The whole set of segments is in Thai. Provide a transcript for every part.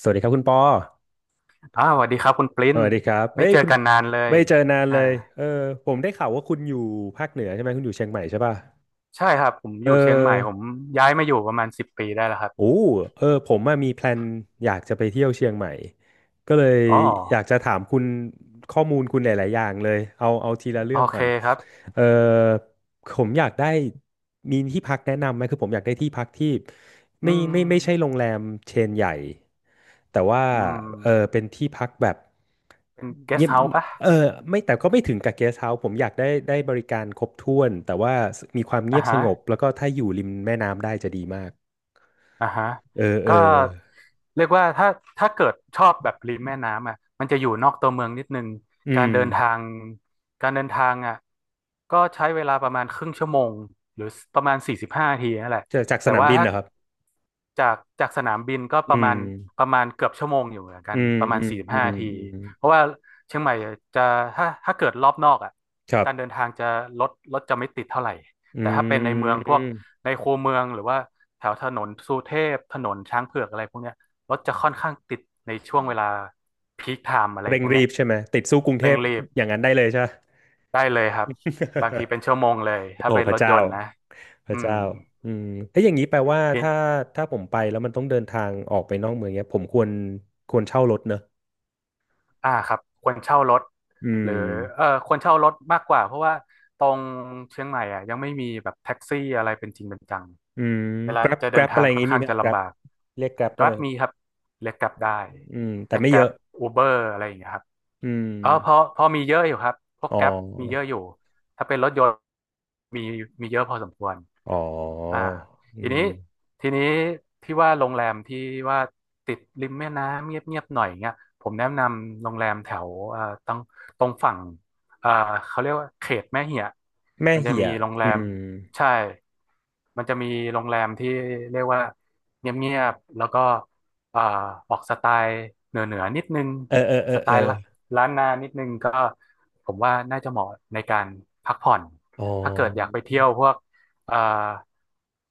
สวัสดีครับคุณปอสวัสดีครับคุณปริ้สนวัสดีครับไม่เอ้ยเจอคุณกันนานเลยไม่เจอนานเลอ่ายเออผมได้ข่าวว่าคุณอยู่ภาคเหนือใช่ไหม คุณอยู่เชียงใหม่ใช่ป่ะใช่ครับผมอเออ ยู่เชียงใหม่ผมย้ายมาอยู่ประมาณ10 ปีได้แล้วครับโอ้เออผมอะมีแพลนอยากจะไปเที่ยวเชียงใหม่ ก็เลยอ๋ออยากจะถามคุณข้อมูลคุณหลายๆอย่างเลยเอาเอาทีละเรื่โอองก่เคอนครับเออผมอยากได้มีที่พักแนะนำไหมคือผมอยากได้ที่พักที่อืไม่มไม่ไม่ใช่โรงแรมเชนใหญ่ แต่ว่าอืมเออเป็นที่พักแบบเป็นเกสเงียต์บเฮาส์ปะเออไม่แต่ก็ไม่ถึงกับเกสต์เฮาส์ผมอยากได้ได้บริการครบถ้วนแต่ว่ามีความเงีอ่ายบสฮะงบแล้วก็ถ้าอยู่ริมแม่น้ำได้จะดีมาก อ่าฮะเออเอก็อเรียกว่าถ้าเกิดชอบแบบริมแม่น้ำอ่ะมันจะอยู่นอกตัวเมืองนิดนึงอืการมเดินทางการเดินทางอ่ะก็ใช้เวลาประมาณครึ่งชั่วโมงหรือประมาณสี่สิบห้านาทีนั่นแหละจากสแต่นามว่าบินถ้า นะครับจากสนามบินก็ปอืระมมาณประมาณเกือบชั่วโมงอยู่เหมือนกัอืนมประมาอืณมสี่สิบอืห้ามนาทีอืมเพราะว่าเชียงใหม่จะถ้าเกิดรอบนอกอ่ะครัการเดินบทางจะรถจะไม่ติดเท่าไหร่อืแต่ถ้าเป็นในเมืองพวกมในคูเมืองหรือว่าแถวถนนสุเทพถนนช้างเผือกอะไรพวกเนี้ยรถจะค่อนข้างติดในช่วงเวลาพีคไทม์อะไรเร่งพวกรีเนี้ยบใช่ไหมติดสู้กรุงเทเร่งพรีบอย่างนั้นได้เลยใช่ไหม ได้เลยครับบางทีเป็น ชั่วโมงเลยถ้าโอ้เป็นพรระถเจ้ายนต์นะพอืระม เจ้าอืมถ้าอย่างนี้แปลว่าถ้าผมไปแล้วมันต้องเดินทางออกไปนอกเมืองเนี้ยผมควรเช่ารถเนอะครับควรเช่ารถอืหรือมเออควรเช่ารถมากกว่าเพราะว่าตรงเชียงใหม่อ่ะยังไม่มีแบบแท็กซี่อะไรเป็นจริงเป็นจังอืม เวลา Grab จะเดิน Grab อะทาไรงอย่างค่อนงี้มีข้างไหม จะลำ Grab บาก เรียก Grab ได้ไห Grab มมีครับเรียก Grab ได้อืมแต่เรียก ไม่เยอะ Grab Uber อะไรอย่างเงี้ยครับอืมเออพอมีเยอะอยู่ครับพวก อ๋อ Grab มีเยอะอยู่ถ้าเป็นรถยนต์มีมีเยอะพอสมควร อ๋ออ่าทีอืนี้มทีนี้ที่ว่าโรงแรมที่ว่าติดริมแม่น้ำเงียบๆหน่อยเงี้ยผมแนะนำโรงแรมแถวตรงฝั่งเอ่อเขาเรียกว่าเขตแม่เหียะแม่มันจะเหี่มียโรงแรอืมมใช่มันจะมีโรงแรมที่เรียกว่าเงียบๆแล้วก็เอ่อออกสไตล์เหนือๆนิดนึงเออเออเออสไตเออล์ละล้านนานิดนึงก็ผมว่าน่าจะเหมาะในการพักผ่อนอ๋อถ้าเกิดอยากไปเที่ยวพวก อ่า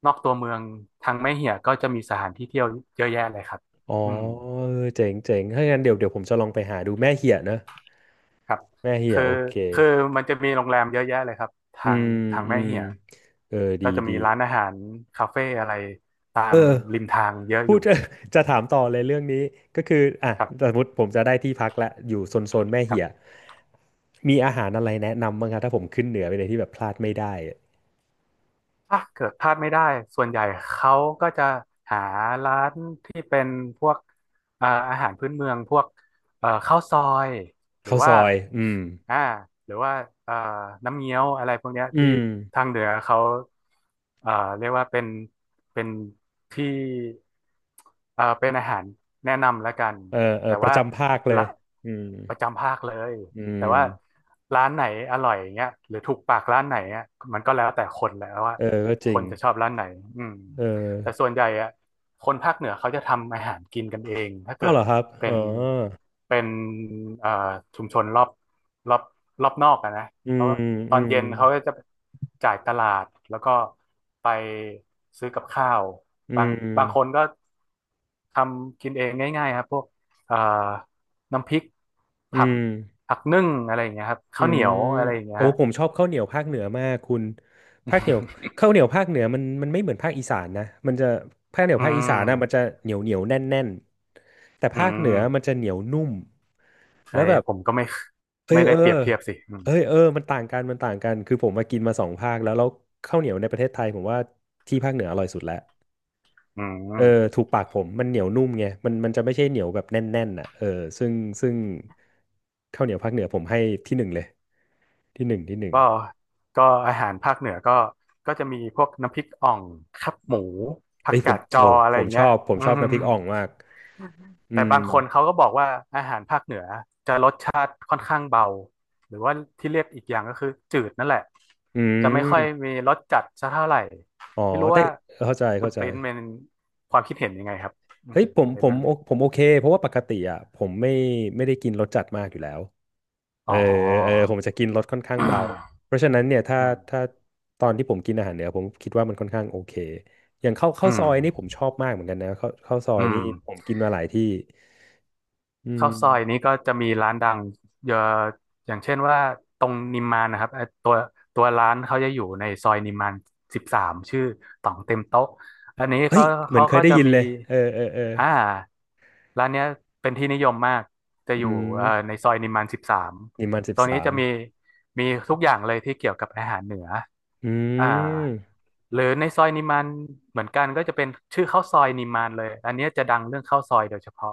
นอกตัวเมืองทางแม่เหียก็จะมีสถานที่เที่ยวเยอะแยะเลยครับอ๋ออืมเออเจ๋งเจ๋งถ้างั้นเดี๋ยวเดี๋ยวผมจะลองไปหาดูแม่เหี่ยนะครับแม่เหี่ยคือ โอเคคือมันจะมีโรงแรมเยอะแยะเลยครับอืทางมทางอืแม่มเหียเออดีก็จะดีมีร้านอาหารคาเฟ่อะไร ตาเอมอริมทางเยอะอพูด ยู่ จะถามต่อเลยเรื่องนี้ก็คืออ่ะครัสมบมติผมจะได้ที่พักละอยู่โซนโซนแม่ครัเหี่ยบ มีอาหารอะไรแนะนำบ้างครับถ้าผมขึ้นเหนือไปเลยที่แบบพลาดไม่ได้อะถ้าเกิดพลาดไม่ได้ส่วนใหญ่เขาก็จะหาร้านที่เป็นพวกอาหารพื้นเมืองพวกข้าวซอยหรือข้าวซว่าอยอืมอ่าหรือว่าเอ่อน้ำเงี้ยวอะไรพวกเนี้ยอืที่ม ทางเหนือเขาเอ่อเรียกว่าเป็นที่เป็นอาหารแนะนำแล้วกันเออเออแต่ประว่าจำภาคเลละย อืมประจำภาคเลย อืแต่มว่าร้านไหนอร่อยเงี้ยหรือถูกปากร้านไหนอ่ะมันก็แล้วแต่คนแหละว่าเออก็จคริงนจะชอบร้านไหนอืมเอแต่อส่วนใหญ่อ่ะคนภาคเหนือเขาจะทำอาหารกินกันเองถ้าเกิอ้าวดเหรอครับเป็อ๋อนเป็นเอ่อชุมชนรอบรอบนอกอะนะอืเขามก็ตออืนมเย็นเขาก็จะจ่ายตลาดแล้วก็ไปซื้อกับข้าวอืบางบางคนมก็ทำกินเองง่ายๆครับพวกเอ่อน้ำพริกอืผัก ม ผักนึ่งอะไรอย่างเงี้ยครับอืข้าวเหนียมวอะไรอย่างเงี้โอ้ยฮะผมชอบข้าวเหนียวภาคเหนือมากคุณภาคเหนียวข้าวเหนียวภาคเหนือมันไม่เหมือนภาคอีสานนะมันจะภาคเหนียวอืภาคอีสานนะมันจะมเหนียวเหนียวแน่นแน่นแต่อืภาคเหนือมันมจะเหนียวนุ่มเอ้แล้วแบยบผมก็ไม่เอยไม่เอได้อเปรียบเทียบสิอืมเอ้ยเออมันต่างกันมันต่างกันคือผมมากินมาสองภาคแล้วข้าวเหนียวในประเทศไทยผมว่าที่ภาคเหนืออร่อยสุดแล้วอืเออมถูกปากผมมันเหนียวนุ่มไงมันจะไม่ใช่เหนียวแบบแน่นๆน่ะเออซึ่งซึ่งข้าวเหนียวภาคเหนือผมให้ที่หนึ่งเลย ที่หนึ่งที่หนึ่งก็ก็อาหารภาคเหนือก็จะมีพวกน้ำพริกอ่องขับหมูผัเอ้กยผกามดจอโอ้อะไรผอมย่างชเงี้อยบผมอืชอบน้ำพริม กอ่องมากอืแต่มบางคนเขาก็บอกว่าอาหารภาคเหนือจะรสชาติค่อนข้างเบาหรือว่าที่เรียกอีกอย่างก็คือจืดนั่นแหละอืจะไม่ค่อยมมีรสจัดซะเท่าไหร่อ๋อไม่รู้แต่ว่าเข้าใจคุณเข้าใจปริ้นเป็นความคิดเห็นยังไงครับอืเฮ้มยผมในผมเรื่องโอนี้ผมโอเคเพราะว่าปกติอ่ะผมไม่ไม่ได้กินรสจัดมากอยู่แล้วเออ๋ออเออผมจะกินรสค่อนข้างเบาเพราะฉะนั้นเนี่ยถ้าอืมถ้าตอนที่ผมกินอาหารเหนือผมคิดว่ามันค่อนข้างโอเคอย่างข้าวอืข้าวซอมยนี่ผมชอบมากเหมือนกันนะข้าวซออืยนี่ม ผมกินมาหลายที่อืข้าวซอยมนี้ก็จะมีร้านดังเยอะอย่างเช่นว่าตรงนิมมานนะครับตัวร้านเขาจะอยู่ในซอยนิมมานสิบสามชื่อต่องเต็มโต๊ะอันนี้เฮ้ยเขาเหมือเขานเคยก็ได้จะยินมีเลยเออเออเอออ่าร้านเนี้ยเป็นที่นิยมมากจะอือยู่มในซอยนิมมานสิบสาม นิมมานสิบตรงนี้สาม จะมีทุกอย่างเลยที่เกี่ยวกับอาหารเหนืออือ่าม หรือในซอยนิมานเหมือนกันก็จะเป็นชื่อข้าวซอยนิมานเลยอันเนี้ยจะดังเรื่องข้าวซอยโดยเฉพาะ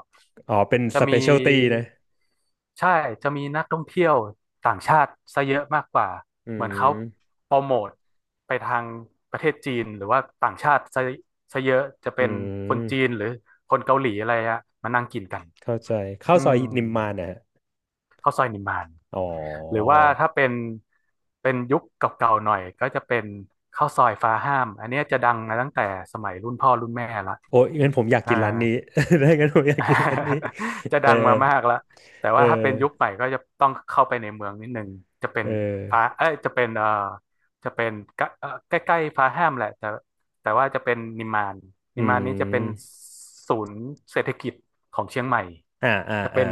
อ๋อ เป็นจะสเปมีเชียลตี้นะ ใช่จะมีนักท่องเที่ยวต่างชาติซะเยอะมากกว่า อืเหมือนเขาม โปรโมทไปทางประเทศจีนหรือว่าต่างชาติซะเยอะจะอืเป็นคนจีนม หรือคนเกาหลีอะไรอะมานั่งกินกันเข้าใจข้าวอืซอยมนิมมานนะฮะข้าวซอยนิมาน อ๋อหรือว่าถ้าเป็นยุคเก่าๆหน่อยก็จะเป็นข้าวซอยฟ้าห้ามอันเนี้ยจะดังมาตั้งแต่สมัยรุ่นพ่อรุ่นแม่ละโอ้ยงั้นผมอยากอ่า กินร้านนี้ ได้งั้นผมอยากกินร้านนี้ จะเออดังมามากแล้วแต่เอว่าถ้าเป็นอยุคใหม่ก็จะต้องเข้าไปในเมืองนิดนึงจะเป็เอนอฟ้าเอ้ยจะเป็นจะเป็นกะใกล้ๆฟ้าแฮมแหละแต่ว่าจะเป็นนิมมานอืนิมมานนี้จะเป็นมศูนย์เศรษฐกิจของเชียงใหม่อ่าอ่าจะอ่าเป็น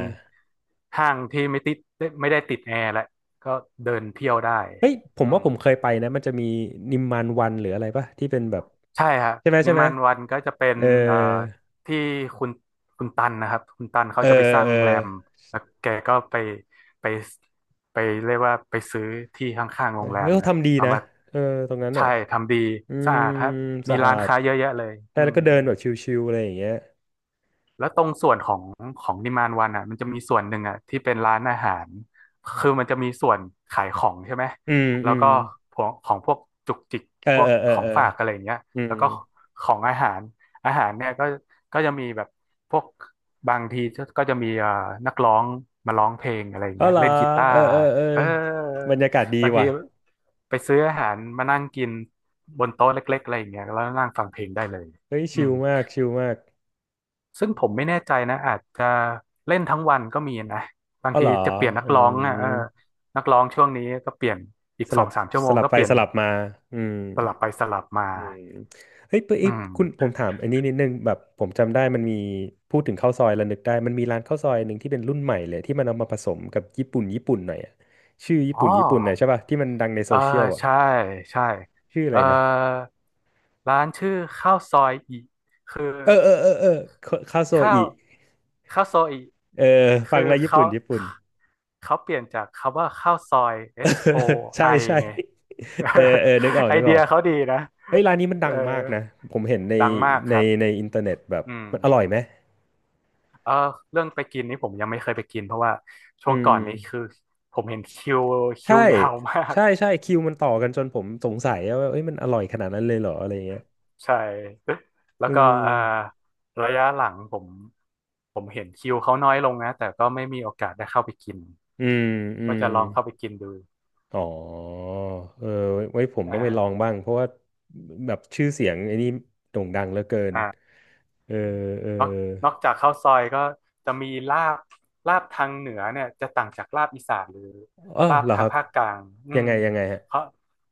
ห้างที่ไม่ติดไม่ได้ติดแอร์และก็เดินเที่ยวได้เฮ้ยผมอืว่าม ผมเคยไปนะมันจะมีนิมมานวันหรืออะไรป่ะที่เป็นแบบใช่ฮะใช่ไหมนิใช่ไหม มานวันก็จะเป็นเออเอ่อที่คุณคุณตันนะครับคุณตันเขาเออจะไปสร้างเออโรงแรมแล้วแกก็ไปไปไปเรียกว่าไปซื้อที่ข้างๆเอโรองแรมเขานะทำดีเอานะมาเออตรงนั้นใช่อ่ะ ทำดีอืสะมอาดครับมีสะอาร้านดค้าเยอะแยะเลยใช่อืแล้วม ก็เดินแบบชิวๆอะไรอย่างเงี้ยแล้วตรงส่วนของนิมมานวันอ่ะมันจะมีส่วนหนึ่งอ่ะที่เป็นร้านอาหารคือมันจะมีส่วนขายของใช่ไหมอืมแล้อืวม ก็พวกของพวกจุกจิกเออพวเอกอเออขอเองอฝากอะไรอย่างเงี้ยอืแล้มวก็ของอาหารอาหารเนี่ยก็จะมีแบบพวกบางทีก็จะมีนักร้องมาร้องเพลงอะไรอย่างเอาเงี้ยเหรอเล่นกีตาเออร์เออเออเออบรรยากาศดีบางทีว่ะ ไปซื้ออาหารมานั่งกินบนโต๊ะเล็กๆอะไรอย่างเงี้ยแล้วนั่งฟังเพลงได้เลยเฮ้ยอืชิลม มากชิลมากซึ่งผมไม่แน่ใจนะอาจจะเล่นทั้งวันก็มีนะบางเอาทีเหรอจะเปลี่ยนนักอืร้องอ่ะเออมนักร้องช่วงนี้ก็เปลี่ยนอีกสสอลับงสามชั่วสโมงลับก็ไปเปลี่ยนสลับมาอืมสลับไปสลับมาอืมเฮ้ยปะอืเอ้ยมคุณผมถามอันนี้นิดนึงแบบผมจำได้มันมีพูดถึงข้าวซอยแล้วนึกได้มันมีร้านข้าวซอยหนึ่งที่เป็นรุ่นใหม่เลยที่มันเอามาผสมกับญี่ปุ่นญี่ปุ่นหน่อยอะชื่อญี่อ๋อปุ่นญี่ปุ่นหน่อยใช่ป่ะที่มันดังในเอโซอเชียลอะ ใช่ใช่ชื่ออะเอไรอนะร้านชื่อข้าวซอยอิคือเออเออเออเออคาโซข้าวอิซอยอิเออฟัคืงอแล้วญี่เขาปุ่นญี่ปุ่น เปลี่ยนจากคำว่าข้าวซอย เออ S O ใช่ I ใช่ไอไง เออเออนึกออ กไอนึกเดีออยกเขาดีนะเฮ้ยร้านนี้มันดัเออ งมากนะผมเห็นในดังมากในครับในอินเทอร์เน็ตแบบอืมมันอร่อยไหมเออเรื่องไปกินนี่ผมยังไม่เคยไปกินเพราะว่าช่อืวงก่อนมนี้คือผมเห็นคิวคิใช่วยาวมากใช่ใช่คิวมันต่อกันจนผมสงสัยว่าเอ้ยมันอร่อยขนาดนั้นเลยเหรออะไรเงี้ยใช่ แล้อืวก็เออมระยะหลังผมเห็นคิวเขาน้อยลงนะแต่ก็ไม่มีโอกาสได้เข้าไปกินอืมอืก็ม จะลองเข้าไปกินดูอ๋อ เออไว้ไว้ผมอต้องไปลอง่าบ้าง เพราะว่าแบบชื่อเสียงไอ้นี่โด่งดังเหลือเกิน อ่า เออ เออนอกจากข้าวซอยก็จะมีลาบลาบทางเหนือเนี่ยจะต่างจากลาบอีสานหรือเออลาบเหรอคทางรับ ภาคกลางอืยังมไงยังไงฮะ เขา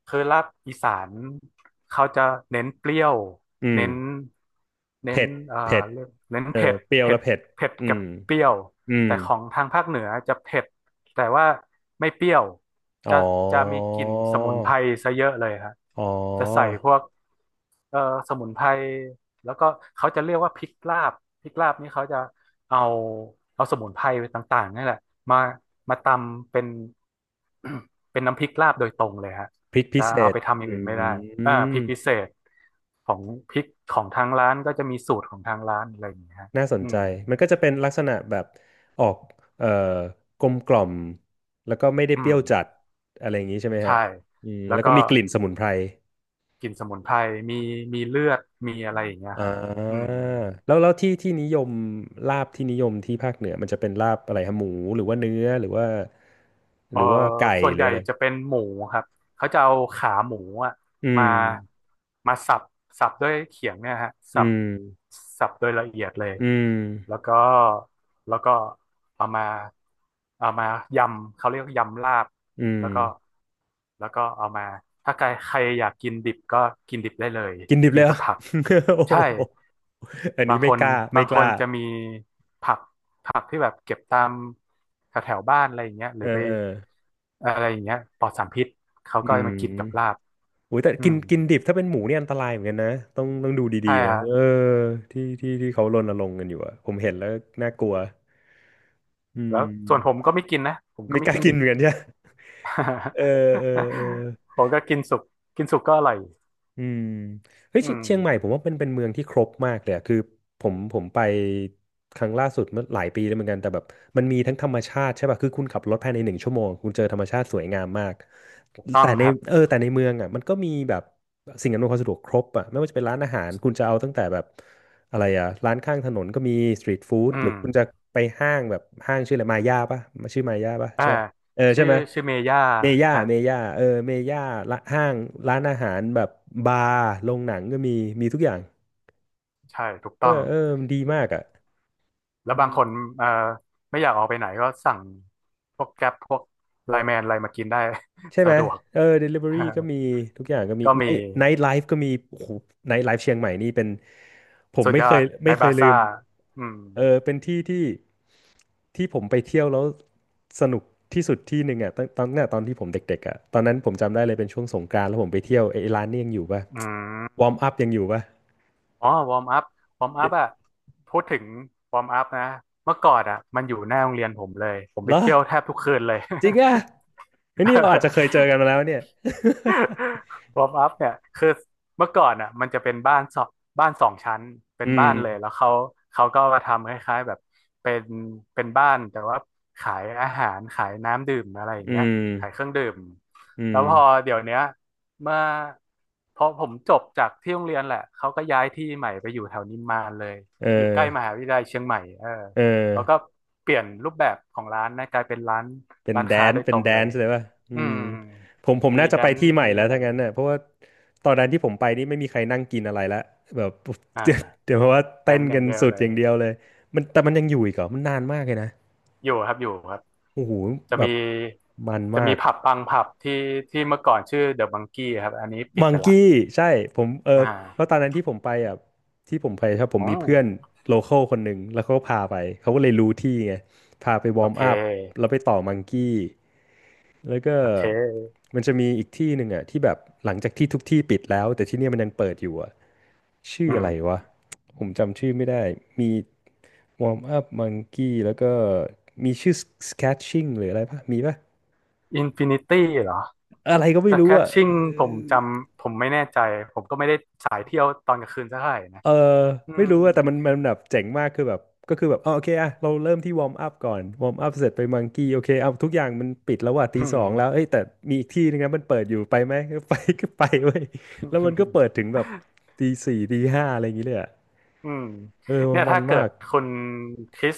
คือลาบอีสานเขาจะเน้นเปรี้ยวอืมเน้นเน้นเผ็ดเอ่อเผ็ดเรียกเน้นเออเผ็ดเปรี้ยวเผ็และดเผ็ดเผ็ดอืกับมเปรี้ยวอืมแต่ของทางภาคเหนือจะเผ็ดแต่ว่าไม่เปรี้ยวอ๋จะอ มีกลิ่นสมุนไพรซะเยอะเลยครับอ๋อจะใส่พวกเอ่อสมุนไพร แล้วก็เขาจะเรียกว่าพริกลาบพริกลาบนี่เขาจะเอาสมุนไพรต่างๆนี่แหละมาตำเป็น เป็นน้ำพริกลาบโดยตรงเลยฮะพริกพิจะเศเอาษไปทำออืย่างอื่นไม่ได้อ่าพริกม พิเศษของพริกของทางร้านก็จะมีสูตรของทางร้านอะไรอย่างเงี้ยฮะน่าสนอืใจมมันก็จะเป็นลักษณะแบบออกเอ่อกลมกล่อมแล้วก็ไม่ได้อืเปรี้มยวจัดอะไรอย่างนี้ใช่ไหมฮะใช่อืมแล้แล้ววก็ก็มีกลิ่นสมุนไพรกลิ่นสมุนไพรมีเลือดมีอะไรอย่างเงี้ยอ่ครับอืาม แล้วที่นิยมลาบที่นิยมที่ภาคเหนือมันจะเป็นลาบอะไรฮะหมูหรือว่าเนื้อหรือว่าหเออรือว่าไก่ส่วนหใหรือญ่อะไรจะเป็นหมูครับเขาจะเอาขาหมูอะอืมามสับสับด้วยเขียงเนี่ยฮะอืสับมสับโดยละเอียดเลยอืมแล้วก็แล้วก็เอามาเอามายำเขาเรียก่ยำลาบอืมแล้วก็เอามาถ้าใครใครอยากกินดิบก็กินดิบได้เลยกินดิบกิเลนยเหรกัอ บผัก โอ้โหใช่ อันบานี้งคไม่นกล้าไม่กล้าจะมีผักที่แบบเก็บตามแถวแถวบ้านอะไรอย่างเงี้ยหเอรืออไปเอออะไรอย่างเงี้ยปลอดสารพิษเขาอืก็ม มากินกับลาบโอ้ยแต่อืกินมกินดิบถ้าเป็นหมูเนี่ยอันตรายเหมือนกันนะต้องดูดีใช่ๆนะฮะเออที่เขารณรงค์กันอยู่อะผมเห็นแล้วน่ากลัวอืแล้วส่วนผมมก็ไม่กินนะผมก็ไม่ไม่กล้ากินกิดินเหบ มือนกันใช่ไหมเออเออเออ ผมก็กินสุกกินสุกก็อร่อยอืมเฮ้ยอืเชีมเชียงใหม่ผมว่าเป็นเมืองที่ครบมากเลยอะคือผมไปครั้งล่าสุดเมื่อหลายปีแล้วเหมือนกันแต่แบบมันมีทั้งธรรมชาติใช่ป่ะคือคุณขับรถภายในหนึ่งชั่วโมงคุณเจอธรรมชาติสวยงามมากถูกต้อแต่งในครับอแต่ในเมืองอ่ะมันก็มีแบบสิ่งอำนวยความสะดวกครบอ่ะไม่ว่าจะเป็นร้านอาหารคุณจะเอาตั้งแต่แบบอะไรอ่ะร้านข้างถนนก็มีสตรีทฟู้ดอืหรือมคุณจะไปห้างแบบห้างชื่ออะไรมาย่าป่ะชื่อมาย่าป่ะอ่าใช่ปะ เออใช่ชื่อไหมเมย่าเมย่าฮะเมย่าเออเมย่าละห้างร้านอาหารแบบบาร์โรงหนังก็มีมีทุกอย่างใช่ถูกเอต้ออง เออมันดีมากอ่ะแล้วอืบางมคนเอ่อไม่อยากออกไปไหนก็สั่งพวกแก๊ปพวกไลน์แมนอะไรมากินได้ ใช่ ไหสะมดวก เออ delivery ก็มีทุกอย่างก็ มี ก็มี night life ก็มีโอ้โห night life เชียงใหม่นี่เป็นผมสุดยอดในไม่เคบายลืซ่ามอืมเออเป็นที่ที่ผมไปเที่ยวแล้วสนุกที่สุดที่หนึ่งอ่ะตั้งแต่ตอนที่ผมเด็กๆอ่ะตอนนั้นผมจำได้เลยเป็นช่วงสงกรานต์แล้วผมไปเที่ยวไอ้ร้านนี่ยังอยู่ป่ะอืมวอร์มอัพยังอยู่ป่ะ อ๋อวอร์มอัพวอร์มอัเพอะพูดถึงวอร์มอัพนะเมื่อก่อนอะมันอยู่หน้าโรงเรียนผมเลยผมหไปรอเที่ยวแทบทุกคืนเลย จริงอ่ะเฮ้ยนี่เราอาจจะเค ยเจอกันมาแล้วเนี่ย วอร์มอัพเนี่ยคือเมื่อก่อนอ่ะมันจะเป็นบ้านสองชั้นเป็ อืนบ้านเลยแล้มวเขาก็มาทำคล้ายๆแบบเป็นบ้านแต่ว่าขายอาหารขายน้ำดื่มอะไรอย่างอืเงี้ยมขายเครื่องดื่มอืแล้วมพอเดี๋ยวเนี้ยเมื่อพอผมจบจากที่โรงเรียนแหละเขาก็ย้ายที่ใหม่ไปอยู่แถวนิมมานเลยเออยู่ใกอล้มหาวิทยาลัยเชียงใหม่เออเออแล้วก็เปลี่ยนรูปแบบของร้านนะกลายเป็นร้านเป็นแดค้านโดยเป็ตนรงแดเลนยซ์เลยป่ะอือืมม ผมมีน่าจะแดไปนซ์ที่ใหม่มีแล้วอะไรถ้างั้นเน่ะเพราะว่าตอนนั้นที่ผมไปนี่ไม่มีใครนั่งกินอะไรละแบบ อ เดี๋ยว่าเพราะว่าแดเต้นนซ์อกัย่างนเดียวสุดเลอยย่างเดียวเลยมันแต่มันยังอยู่อีกเหรอมันนานมากเลยนะอยู่ครับอยู่ครับโอ้โหจะแบมีบมันมาก ผับบางผับที่เมื่อก่อนชื่อเดอะมังกี้ครับอันนี้ปิดมังไปละกี้ใช่ผมเอออเพราะ่าตอนนั้นที่ผมไปอ่ะที่ผมไปครับผโอมมีเพื่อน้โลคอลคนหนึ่งแล้วเขาก็พาไปเขาก็เลยรู้ที่ไงพาไปวโออร์มเคอัพแล้วไปต่อมังกี้แล้วก็โอเคมันจะมีอีกที่หนึ่งอ่ะที่แบบหลังจากที่ทุกที่ปิดแล้วแต่ที่เนี่ยมันยังเปิดอยู่อ่ะชื่อืออะไรมวะผมจำชื่อไม่ได้มีวอร์มอัพมังกี้แล้วก็มีชื่อสแคชชิ่งหรืออะไรปะมีปะอินฟินิตี้เหรออะไรก็ไม่แต่แครู้ชอ่ะเอชิ่อ งผมจำผมไม่แน่ใจผมก็ไม่ได้สายเที่ยวตอนกลางคืนสักเท่าไหร่นะเอออืไม่ม รู้อะแต่มันแบบเจ๋งมากคือแบบก็คือแบบอ๋อโอเคอะเราเริ่มที่วอร์มอัพก่อนวอร์มอัพเสร็จไปมังกี้โอเคเอาทุกอย่างมันปิดแล้วว่ะตีสองแล้วเอ้ยแต่มีอีกที่นึงนะมันเปิดอยู่ไปไหม ก็ไปก็ไปเว้ยแล้วมันก็เปิด ถึงแบบตีสี่ตีห้าอะไรอย่างงี้เลยอะอืมเออเนี่ยมันถ้าเกิมาดกคุณคริส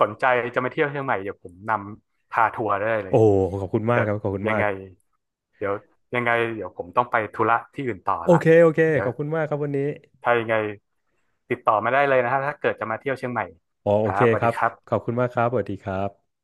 สนใจจะมาเที่ยวเชียงใหม่เดี๋ยวผมนำพาทัวร์ได้เลโอ้ยขอบคุณมากเกิคดรับขอบคุณยัมางกไงเดี๋ยวยังไงเดี๋ยวผมต้องไปธุระที่อื่นต่อโอละเคโอเคเดี๋ยขวอบคุณมากครับวันนี้ถ้ายังไงติดต่อมาได้เลยนะฮะถ้าเกิดจะมาเที่ยวเชียงใหม่อ๋อโอครัเคบสวัคสรัดีบครัขอบบคุณมากครับสวัสดีครับ